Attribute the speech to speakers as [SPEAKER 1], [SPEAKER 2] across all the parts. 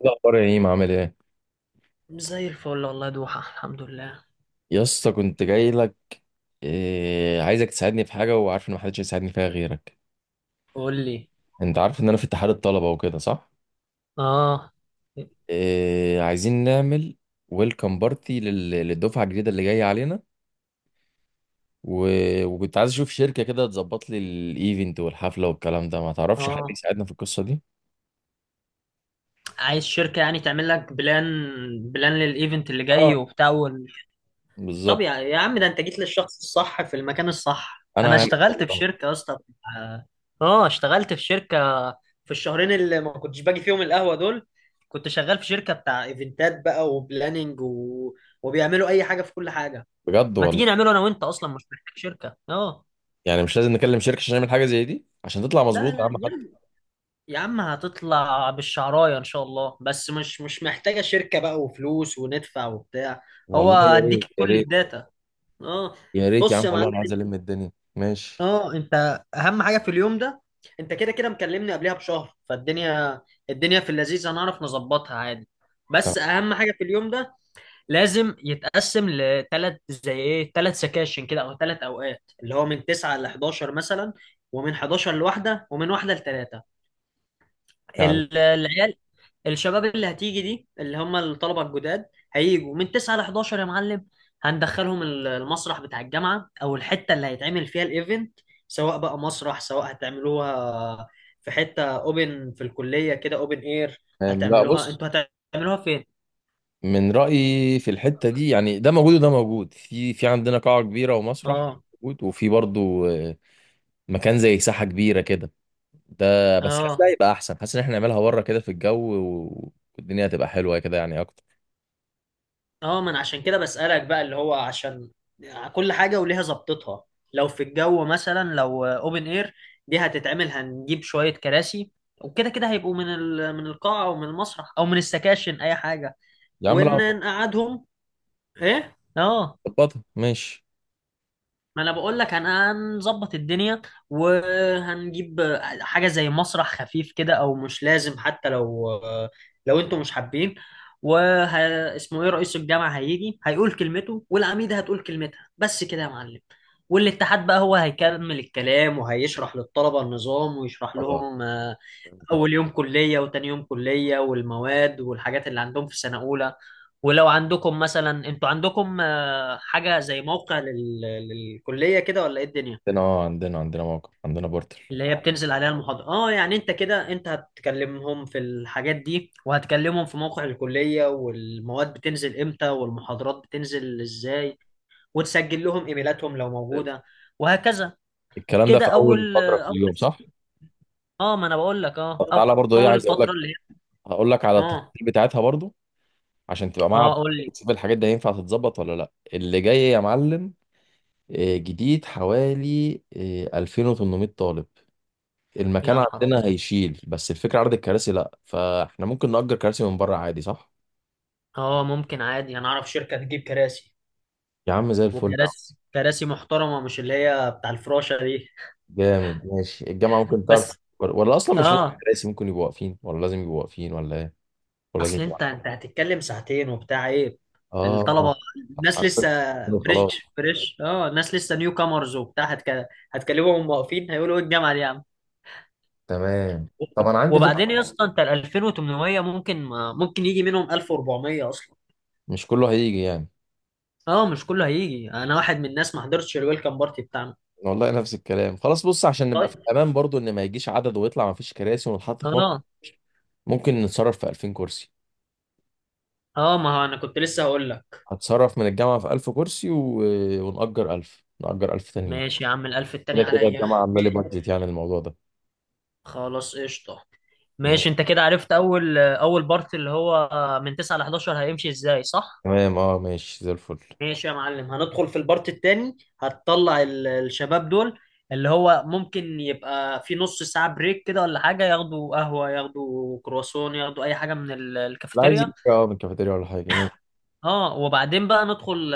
[SPEAKER 1] إيه الاخبار يا ايم؟ عامل ايه؟
[SPEAKER 2] زي الفل والله، دوحة، الحمد لله.
[SPEAKER 1] يا اسطى كنت جاي لك. إيه عايزك تساعدني في حاجه، وعارف ان محدش هيساعدني فيها غيرك.
[SPEAKER 2] قول لي.
[SPEAKER 1] انت عارف ان انا في اتحاد الطلبه وكده صح؟
[SPEAKER 2] اه.
[SPEAKER 1] إيه عايزين نعمل ويلكم بارتي للدفعه الجديده اللي جايه علينا، و... وكنت عايز اشوف شركه كده تظبط لي الايفنت والحفله والكلام ده. ما تعرفش حد
[SPEAKER 2] اه،
[SPEAKER 1] يساعدنا في القصه دي؟
[SPEAKER 2] عايز شركة يعني تعمل لك بلان، للايفنت اللي جاي
[SPEAKER 1] اه،
[SPEAKER 2] وبتاع طب
[SPEAKER 1] بالظبط.
[SPEAKER 2] يا عم، ده انت جيت للشخص الصح في المكان الصح.
[SPEAKER 1] انا
[SPEAKER 2] انا
[SPEAKER 1] عارف
[SPEAKER 2] اشتغلت في
[SPEAKER 1] والله.
[SPEAKER 2] شركة يا اسطى. اه. اشتغلت في شركة، في الشهرين اللي ما كنتش باجي فيهم القهوة دول كنت شغال في شركة بتاع ايفنتات بقى وبلاننج وبيعملوا اي حاجة في كل حاجة.
[SPEAKER 1] بجد
[SPEAKER 2] ما
[SPEAKER 1] والله؟
[SPEAKER 2] تيجي نعمله انا وانت، اصلا مش محتاج شركة. اه،
[SPEAKER 1] يعني مش لازم نكلم شركه عشان نعمل حاجه زي دي عشان تطلع
[SPEAKER 2] لا
[SPEAKER 1] مظبوط يا عم
[SPEAKER 2] لا
[SPEAKER 1] حد؟
[SPEAKER 2] يلا. يا عم هتطلع بالشعراية إن شاء الله، بس مش محتاجة شركة بقى وفلوس وندفع وبتاع. هو
[SPEAKER 1] والله يا
[SPEAKER 2] هديك
[SPEAKER 1] ريت، يا
[SPEAKER 2] كل
[SPEAKER 1] ريت.
[SPEAKER 2] الداتا. اه.
[SPEAKER 1] يا ريت يا
[SPEAKER 2] بص
[SPEAKER 1] عم
[SPEAKER 2] يا
[SPEAKER 1] والله،
[SPEAKER 2] معلم،
[SPEAKER 1] انا عايز الم الدنيا ماشي.
[SPEAKER 2] اه انت اهم حاجة في اليوم ده. انت كده كده مكلمني قبلها بشهر، فالدنيا، الدنيا في اللذيذ هنعرف نظبطها عادي. بس
[SPEAKER 1] تمام
[SPEAKER 2] اهم حاجة في اليوم ده لازم يتقسم لثلاث، زي ايه، ثلاث سكاشن كده او ثلاث اوقات، اللي هو من 9 ل 11 مثلا، ومن 11 لواحدة، ومن واحدة لثلاثة.
[SPEAKER 1] يا عم.
[SPEAKER 2] العيال، الشباب اللي هتيجي دي اللي هم الطلبه الجداد، هيجوا من 9 ل 11 يا معلم. هندخلهم المسرح بتاع الجامعه، او الحته اللي هيتعمل فيها الايفنت، سواء بقى مسرح، سواء هتعملوها في حته اوبن في الكليه كده، اوبن اير.
[SPEAKER 1] تمام. لا،
[SPEAKER 2] هتعملوها
[SPEAKER 1] بص،
[SPEAKER 2] انتوا؟ هتعملوها فين؟
[SPEAKER 1] من رأيي في الحتة دي، يعني ده موجود وده موجود، في عندنا قاعة كبيرة ومسرح
[SPEAKER 2] اه.
[SPEAKER 1] موجود، وفي برضو مكان زي ساحة كبيرة كده. ده بس حاسس ده
[SPEAKER 2] اه.
[SPEAKER 1] هيبقى احسن، حاسس ان احنا نعملها بره كده في الجو والدنيا هتبقى حلوة كده يعني اكتر.
[SPEAKER 2] اه، ما انا عشان كده بسألك بقى، اللي هو عشان كل حاجة وليها ظبطتها. لو في الجو مثلا، لو اوبن اير دي هتتعمل، هنجيب شوية كراسي، وكده كده هيبقوا من القاعة او من المسرح او من السكاشن اي حاجة،
[SPEAKER 1] يا عم لا،
[SPEAKER 2] وان نقعدهم. ايه، اه.
[SPEAKER 1] ظبطها ماشي.
[SPEAKER 2] ما انا بقول لك، هنظبط الدنيا، وهنجيب حاجه زي مسرح خفيف كده، او مش لازم حتى. لو، لو انتوا مش حابين. وه اسمه ايه، رئيس الجامعه هيجي هيقول كلمته، والعميده هتقول كلمتها، بس كده يا معلم. والاتحاد بقى هو هيكمل الكلام، وهيشرح للطلبه النظام، ويشرح
[SPEAKER 1] اه،
[SPEAKER 2] لهم.
[SPEAKER 1] فهمتك.
[SPEAKER 2] اول يوم كليه، وتاني يوم كليه، والمواد، والحاجات اللي عندهم في سنه اولى. ولو عندكم مثلا، انتوا عندكم حاجه زي موقع للكليه كده، ولا ايه الدنيا
[SPEAKER 1] عندنا، اه، عندنا موقع، عندنا بورتل.
[SPEAKER 2] اللي هي بتنزل عليها المحاضره. اه يعني انت كده، انت هتكلمهم في الحاجات دي، وهتكلمهم في موقع الكليه، والمواد بتنزل امتى، والمحاضرات بتنزل ازاي، وتسجل لهم ايميلاتهم لو موجوده، وهكذا.
[SPEAKER 1] الكلام ده
[SPEAKER 2] كده
[SPEAKER 1] في اول
[SPEAKER 2] اول،
[SPEAKER 1] فقرة في
[SPEAKER 2] اول،
[SPEAKER 1] اليوم صح؟
[SPEAKER 2] اه ما انا بقول لك،
[SPEAKER 1] طب
[SPEAKER 2] اه.
[SPEAKER 1] تعالى برضو، ايه
[SPEAKER 2] اول
[SPEAKER 1] عايز اقول
[SPEAKER 2] فتره
[SPEAKER 1] لك،
[SPEAKER 2] اللي هي،
[SPEAKER 1] هقول لك على
[SPEAKER 2] اه.
[SPEAKER 1] التفاصيل بتاعتها برضو عشان تبقى معايا على
[SPEAKER 2] اه قول لي.
[SPEAKER 1] الخط تشوف الحاجات دي هينفع تتظبط ولا لا اللي جاي يا معلم. آه، جديد حوالي 2,800 طالب. المكان
[SPEAKER 2] يا نهار
[SPEAKER 1] عندنا
[SPEAKER 2] ابيض،
[SPEAKER 1] هيشيل، بس الفكرة عدد الكراسي لا، فاحنا ممكن نأجر كراسي من بره عادي صح؟
[SPEAKER 2] اه ممكن عادي، انا اعرف شركه تجيب كراسي.
[SPEAKER 1] يا عم زي الفل.
[SPEAKER 2] كراسي محترمه، مش اللي هي بتاع الفراشه دي.
[SPEAKER 1] جامد ماشي. الجامعة ممكن تعرف؟
[SPEAKER 2] بس.
[SPEAKER 1] ولا اصلا مش لازم
[SPEAKER 2] اه
[SPEAKER 1] كراسي، ممكن يبقوا واقفين، ولا لازم يبقوا واقفين ولا ايه؟ ولا لازم
[SPEAKER 2] اصل انت،
[SPEAKER 1] يبقوا؟
[SPEAKER 2] انت هتتكلم ساعتين وبتاع، ايه،
[SPEAKER 1] اه.
[SPEAKER 2] الطلبه، الناس لسه
[SPEAKER 1] خلاص.
[SPEAKER 2] فريش فريش. اه الناس لسه نيو كامرز وبتاع، هتكلمهم واقفين، هيقولوا ايه الجامعه دي يا عم.
[SPEAKER 1] تمام. طب انا عندي فكرة.
[SPEAKER 2] وبعدين يا اسطى، انت ال 2800، ممكن ما... ممكن يجي منهم 1400 اصلا.
[SPEAKER 1] مش كله هيجي يعني.
[SPEAKER 2] اه مش كله هيجي، انا واحد من الناس ما حضرتش الويلكم بارتي بتاعنا.
[SPEAKER 1] والله نفس الكلام. خلاص بص، عشان نبقى في
[SPEAKER 2] طيب،
[SPEAKER 1] الامان برضو ان ما يجيش عدد ويطلع ما فيش كراسي ونتحط في موقف،
[SPEAKER 2] اه.
[SPEAKER 1] ممكن نتصرف في 2000 كرسي.
[SPEAKER 2] اه ما هو انا كنت لسه هقول لك.
[SPEAKER 1] هتصرف من الجامعة في 1000 كرسي ونأجر 1000، نأجر 1000 تانيين.
[SPEAKER 2] ماشي يا عم، الالف التاني
[SPEAKER 1] كده كده
[SPEAKER 2] عليا.
[SPEAKER 1] الجامعة عاملة لي
[SPEAKER 2] ماشي.
[SPEAKER 1] بادجت يعني الموضوع ده.
[SPEAKER 2] خلاص قشطة.
[SPEAKER 1] م-
[SPEAKER 2] ماشي انت كده عرفت اول، اول بارت اللي هو من 9 ل 11 هيمشي ازاي، صح؟
[SPEAKER 1] تمام، اه، ماشي زي الفل.
[SPEAKER 2] ماشي يا معلم، هندخل في البارت التاني، هتطلع الشباب دول، اللي هو ممكن يبقى في نص ساعة بريك كده ولا حاجة، ياخدوا قهوة، ياخدوا كرواسون، ياخدوا اي حاجة من
[SPEAKER 1] لا عايز
[SPEAKER 2] الكافيتيريا.
[SPEAKER 1] يجي، اه، من كافيتيريا ولا حاجة، ماشي.
[SPEAKER 2] اه. وبعدين بقى ندخل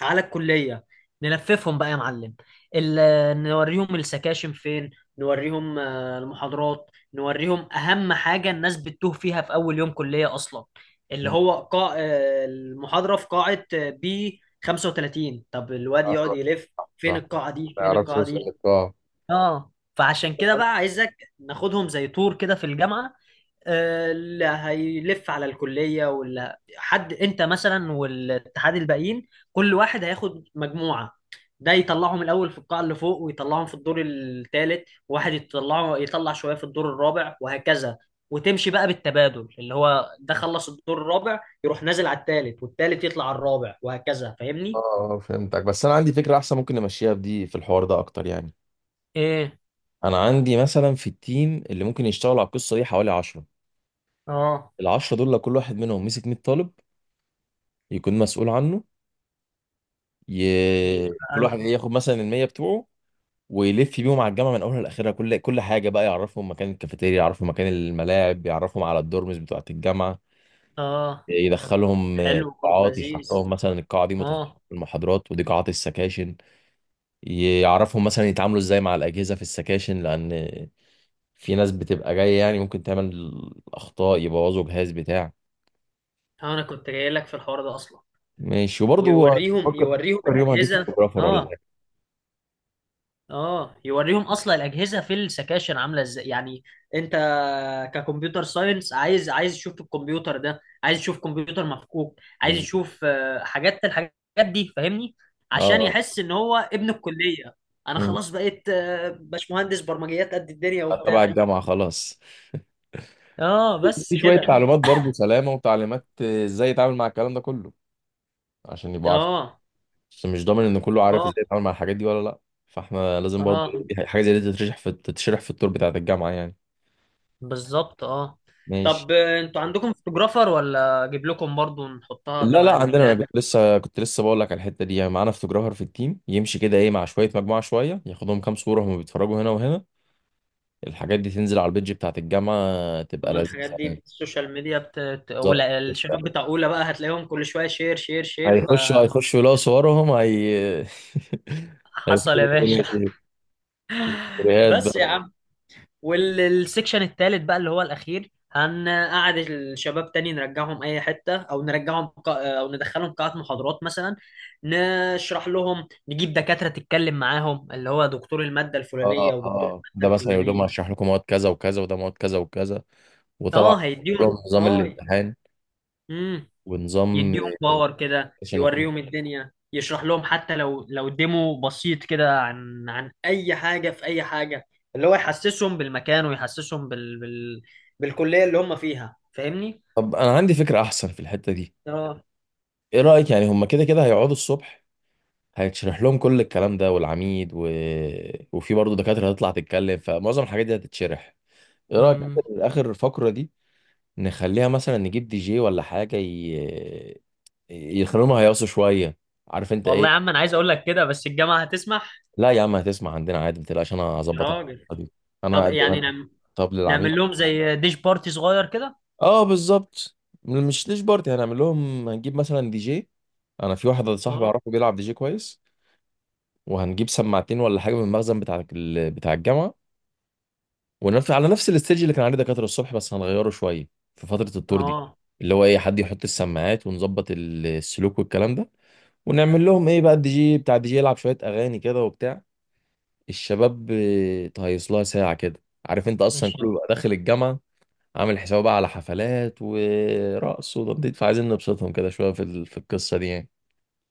[SPEAKER 2] على الكلية، نلففهم بقى يا معلم. نوريهم السكاشن فين، نوريهم المحاضرات، نوريهم أهم حاجة الناس بتتوه فيها في أول يوم كلية أصلا، اللي
[SPEAKER 1] م-
[SPEAKER 2] هو قاع المحاضرة في قاعة بي 35، طب الواد يقعد
[SPEAKER 1] آه،
[SPEAKER 2] يلف فين
[SPEAKER 1] صح.
[SPEAKER 2] القاعة دي،
[SPEAKER 1] ما
[SPEAKER 2] فين
[SPEAKER 1] يعرفش
[SPEAKER 2] القاعة
[SPEAKER 1] يوصل
[SPEAKER 2] دي.
[SPEAKER 1] للقاعة.
[SPEAKER 2] اه فعشان كده بقى عايزك ناخدهم زي تور كده في الجامعة. اللي هيلف على الكلية، ولا حد انت مثلا والاتحاد الباقيين، كل واحد هياخد مجموعة، ده يطلعهم الاول في القاعة اللي فوق، ويطلعهم في الدور الثالث، وواحد يطلعه، يطلع شوية في الدور الرابع، وهكذا. وتمشي بقى بالتبادل، اللي هو ده خلص الدور الرابع يروح نازل على الثالث، والثالث يطلع على الرابع وهكذا،
[SPEAKER 1] اه،
[SPEAKER 2] فاهمني؟
[SPEAKER 1] فهمتك، بس انا عندي فكرة احسن ممكن نمشيها بدي في الحوار ده اكتر يعني.
[SPEAKER 2] ايه.
[SPEAKER 1] انا عندي مثلا في التيم اللي ممكن يشتغلوا على القصة دي حوالي 10.
[SPEAKER 2] اه.
[SPEAKER 1] العشرة دول لو كل واحد منهم مسك 100 طالب يكون مسؤول عنه،
[SPEAKER 2] يبقى
[SPEAKER 1] كل واحد
[SPEAKER 2] ألف.
[SPEAKER 1] ياخد مثلا المية بتوعه ويلف بيهم على الجامعة من أولها لآخرها، كل حاجة بقى، يعرفهم مكان الكافيتيريا، يعرفهم مكان الملاعب، يعرفهم على الدورمز بتوعة الجامعة،
[SPEAKER 2] اه.
[SPEAKER 1] يدخلهم
[SPEAKER 2] حلو برضه،
[SPEAKER 1] قاعات، يشرح
[SPEAKER 2] لذيذ.
[SPEAKER 1] لهم مثلا القاعة دي متخصصة
[SPEAKER 2] اه.
[SPEAKER 1] في المحاضرات ودي قاعات السكاشن. يعرفهم مثلا يتعاملوا ازاي مع الأجهزة في السكاشن، لأن في ناس بتبقى جاية يعني ممكن تعمل أخطاء يبوظوا جهاز بتاع.
[SPEAKER 2] انا كنت جاي لك في الحوار ده اصلا.
[SPEAKER 1] ماشي. فكر
[SPEAKER 2] يوريهم
[SPEAKER 1] فكر يوم هجيب
[SPEAKER 2] الاجهزه،
[SPEAKER 1] فوتوغرافر ولا؟
[SPEAKER 2] اه. اه يوريهم اصلا الاجهزه في السكاشن عامله ازاي، يعني انت ككمبيوتر ساينس، عايز تشوف الكمبيوتر، ده عايز تشوف كمبيوتر مفكوك، عايز
[SPEAKER 1] بالظبط.
[SPEAKER 2] تشوف حاجات، الحاجات دي، فاهمني؟ عشان
[SPEAKER 1] اه.
[SPEAKER 2] يحس ان هو ابن الكليه. انا
[SPEAKER 1] مم.
[SPEAKER 2] خلاص بقيت باشمهندس برمجيات قد الدنيا
[SPEAKER 1] تبع
[SPEAKER 2] وبتاع.
[SPEAKER 1] الجامعة خلاص.
[SPEAKER 2] اه
[SPEAKER 1] في
[SPEAKER 2] بس
[SPEAKER 1] شوية
[SPEAKER 2] كده.
[SPEAKER 1] تعليمات برضو سلامة وتعليمات، آه، ازاي يتعامل مع الكلام ده كله عشان يبقى عارف.
[SPEAKER 2] اه.
[SPEAKER 1] بس مش ضامن ان كله عارف
[SPEAKER 2] اه.
[SPEAKER 1] ازاي يتعامل مع الحاجات دي ولا لا، فاحنا لازم برضو،
[SPEAKER 2] اه
[SPEAKER 1] إيه، دي حاجة زي دي تتشرح في التور بتاعة الجامعة يعني.
[SPEAKER 2] بالظبط. اه.
[SPEAKER 1] ماشي.
[SPEAKER 2] طب، انتوا عندكم فوتوجرافر، ولا اجيب لكم برضو نحطها
[SPEAKER 1] لا
[SPEAKER 2] تبع
[SPEAKER 1] لا، عندنا، انا
[SPEAKER 2] البلان؟
[SPEAKER 1] كنت لسه، كنت لسه بقول لك على الحتة دي يعني. معانا فوتوجرافر في التيم يمشي كده ايه مع شوية، مجموعة شوية، ياخدهم كام صورة هم بيتفرجوا هنا وهنا. الحاجات دي تنزل على البيدج بتاعة الجامعة تبقى
[SPEAKER 2] أما الحاجات
[SPEAKER 1] لذيذة
[SPEAKER 2] دي في
[SPEAKER 1] يعني.
[SPEAKER 2] السوشيال ميديا
[SPEAKER 1] بالظبط.
[SPEAKER 2] ولا الشباب بتاع اولى بقى، هتلاقيهم كل شويه شير شير شير.
[SPEAKER 1] هيخشوا يلاقوا صورهم هي.
[SPEAKER 2] فحصل
[SPEAKER 1] هيكتبوا
[SPEAKER 2] يا
[SPEAKER 1] الدنيا
[SPEAKER 2] باشا.
[SPEAKER 1] في الستوريات
[SPEAKER 2] بس يا
[SPEAKER 1] بقى.
[SPEAKER 2] عم. والسكشن التالت بقى اللي هو الاخير، هنقعد الشباب تاني، نرجعهم اي حته، او نرجعهم، او ندخلهم قاعه محاضرات مثلا، نشرح لهم، نجيب دكاتره تتكلم معاهم، اللي هو دكتور الماده
[SPEAKER 1] اه.
[SPEAKER 2] الفلانيه ودكتور
[SPEAKER 1] اه ده
[SPEAKER 2] الماده
[SPEAKER 1] مثلا يقول لهم
[SPEAKER 2] الفلانيه.
[SPEAKER 1] هشرح لكم مواد كذا وكذا وده مواد كذا وكذا. وطبعا
[SPEAKER 2] اه
[SPEAKER 1] لهم
[SPEAKER 2] هيديهم،
[SPEAKER 1] نظام
[SPEAKER 2] اه.
[SPEAKER 1] الامتحان
[SPEAKER 2] امم.
[SPEAKER 1] ونظام
[SPEAKER 2] يديهم باور كده،
[SPEAKER 1] عشان، وكل.
[SPEAKER 2] يوريهم الدنيا، يشرح لهم حتى لو، لو ديمو بسيط كده عن، عن اي حاجه في اي حاجه. اللي هو يحسسهم بالمكان، ويحسسهم بالكليه اللي هم فيها، فاهمني؟
[SPEAKER 1] طب انا عندي فكره احسن في الحته دي.
[SPEAKER 2] اه.
[SPEAKER 1] ايه رايك؟ يعني هم كده كده هيقعدوا الصبح، هيتشرح لهم كل الكلام ده، والعميد وفي برضه دكاتره هتطلع تتكلم، فمعظم الحاجات دي هتتشرح. ايه رايك
[SPEAKER 2] امم.
[SPEAKER 1] آخر الفقره دي نخليها مثلا نجيب دي جي ولا حاجه، يخلوهم هيقصوا شويه، عارف انت
[SPEAKER 2] والله يا
[SPEAKER 1] ايه.
[SPEAKER 2] عم انا عايز اقول لك كده، بس الجامعه هتسمح؟
[SPEAKER 1] لا يا عم هتسمع عندنا عادي، ما تقلقش، انا
[SPEAKER 2] يا
[SPEAKER 1] هظبط انا
[SPEAKER 2] راجل.
[SPEAKER 1] القصة دي. أنا
[SPEAKER 2] طب يعني،
[SPEAKER 1] اقدم. طب للعميل.
[SPEAKER 2] نعمل لهم زي ديش بارتي صغير كده.
[SPEAKER 1] اه بالظبط. مش ليش بارتي هنعمل لهم، هنجيب مثلا دي جي. انا في واحد صاحبي
[SPEAKER 2] اه.
[SPEAKER 1] اعرفه بيلعب دي جي كويس. وهنجيب سماعتين ولا حاجه من المخزن بتاع بتاع الجامعه، ونفس على نفس الاستيج اللي كان عليه دكاتره الصبح بس هنغيره شويه في فتره التور دي،
[SPEAKER 2] اه
[SPEAKER 1] اللي هو ايه، حد يحط السماعات ونظبط السلوك والكلام ده. ونعمل لهم ايه بقى، الدي جي بتاع الدي جي يلعب شويه اغاني كده وبتاع، الشباب، آه، تهيص لها ساعة كده. عارف انت اصلا
[SPEAKER 2] ماشي.
[SPEAKER 1] كله بيبقى داخل الجامعة عامل حسابه بقى على حفلات ورقص وتنطيط، فعايزين نبسطهم كده شوية في في القصة دي يعني.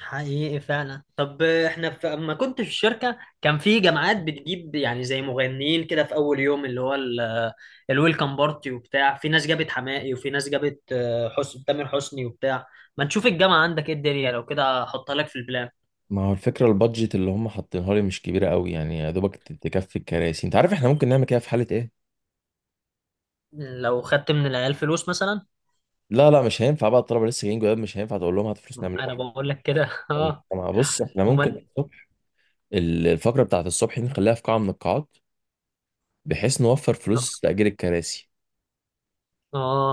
[SPEAKER 2] حقيقي فعلا. طب احنا اما كنت في الشركه، كان في جامعات بتجيب يعني زي مغنيين كده في اول يوم، اللي هو الويلكم بارتي وبتاع. في ناس جابت حماقي، وفي ناس جابت حسن، تامر حسني وبتاع. ما تشوف الجامعه عندك ايه الدنيا، لو كده احطها لك في البلان.
[SPEAKER 1] ما هو الفكرة البادجت اللي هم حاطينها لي مش كبيرة قوي يعني، يا دوبك تكفي الكراسي. انت عارف احنا ممكن نعمل كده في حالة ايه؟
[SPEAKER 2] لو خدت من العيال فلوس مثلا.
[SPEAKER 1] لا لا مش هينفع بقى، الطلبة لسه جايين، جواب مش هينفع تقول لهم هات فلوس نعمل لكم
[SPEAKER 2] انا بقول لك كده. اه.
[SPEAKER 1] حاجة. بص احنا ممكن
[SPEAKER 2] امال.
[SPEAKER 1] الصبح، الفقرة بتاعت الصبح دي نخليها في قاعة من القاعات بحيث نوفر فلوس تأجير الكراسي.
[SPEAKER 2] اه.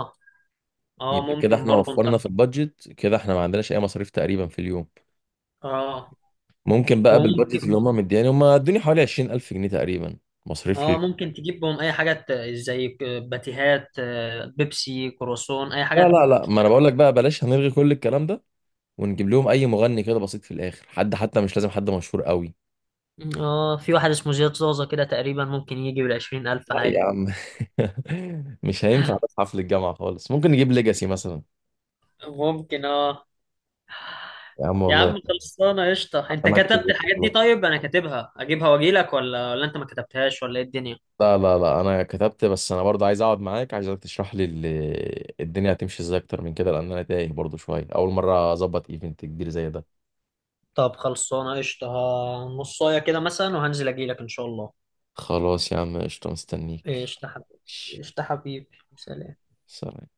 [SPEAKER 2] اه
[SPEAKER 1] يبقى كده
[SPEAKER 2] ممكن
[SPEAKER 1] احنا
[SPEAKER 2] برضه انت.
[SPEAKER 1] وفرنا في البادجت، كده احنا ما عندناش اي مصاريف تقريبا في اليوم.
[SPEAKER 2] اه.
[SPEAKER 1] ممكن بقى بالبادجت اللي
[SPEAKER 2] وممكن،
[SPEAKER 1] هم مدياني، هم ادوني حوالي 20,000 جنيه تقريبا مصاريف لي.
[SPEAKER 2] اه ممكن تجيبهم اي حاجه، زي باتيهات، بيبسي، كروسون، اي
[SPEAKER 1] لا
[SPEAKER 2] حاجه.
[SPEAKER 1] لا لا، ما انا بقول لك بقى، بلاش هنلغي كل الكلام ده، ونجيب لهم اي مغني كده بسيط في الاخر، حد حتى مش لازم حد مشهور قوي.
[SPEAKER 2] اه في واحد اسمه زياد زوزة كده تقريبا، ممكن يجي بال 20 ألف
[SPEAKER 1] لا يا
[SPEAKER 2] عادي.
[SPEAKER 1] عم. مش هينفع في حفل الجامعة خالص، ممكن نجيب ليجاسي مثلا.
[SPEAKER 2] ممكن، اه.
[SPEAKER 1] يا عم
[SPEAKER 2] يا
[SPEAKER 1] والله.
[SPEAKER 2] عم خلصانه قشطه. انت
[SPEAKER 1] حفلات.
[SPEAKER 2] كتبت الحاجات دي؟ طيب انا كاتبها اجيبها واجيلك، ولا، ولا انت ما كتبتهاش ولا ايه الدنيا؟
[SPEAKER 1] لا لا لا، انا كتبت، بس انا برضه عايز اقعد معاك، عايزك تشرح لي الدنيا هتمشي ازاي اكتر من كده لان انا تايه برضه شويه، اول مره اظبط ايفنت كبير زي ده.
[SPEAKER 2] طب خلصانه قشطه، نصايه كده مثلا وهنزل اجيلك ان شاء الله.
[SPEAKER 1] خلاص يا عم قشطه، مستنيك.
[SPEAKER 2] قشطه حبيبي.
[SPEAKER 1] ماشي.
[SPEAKER 2] قشطه حبيبي، سلام.
[SPEAKER 1] سلام.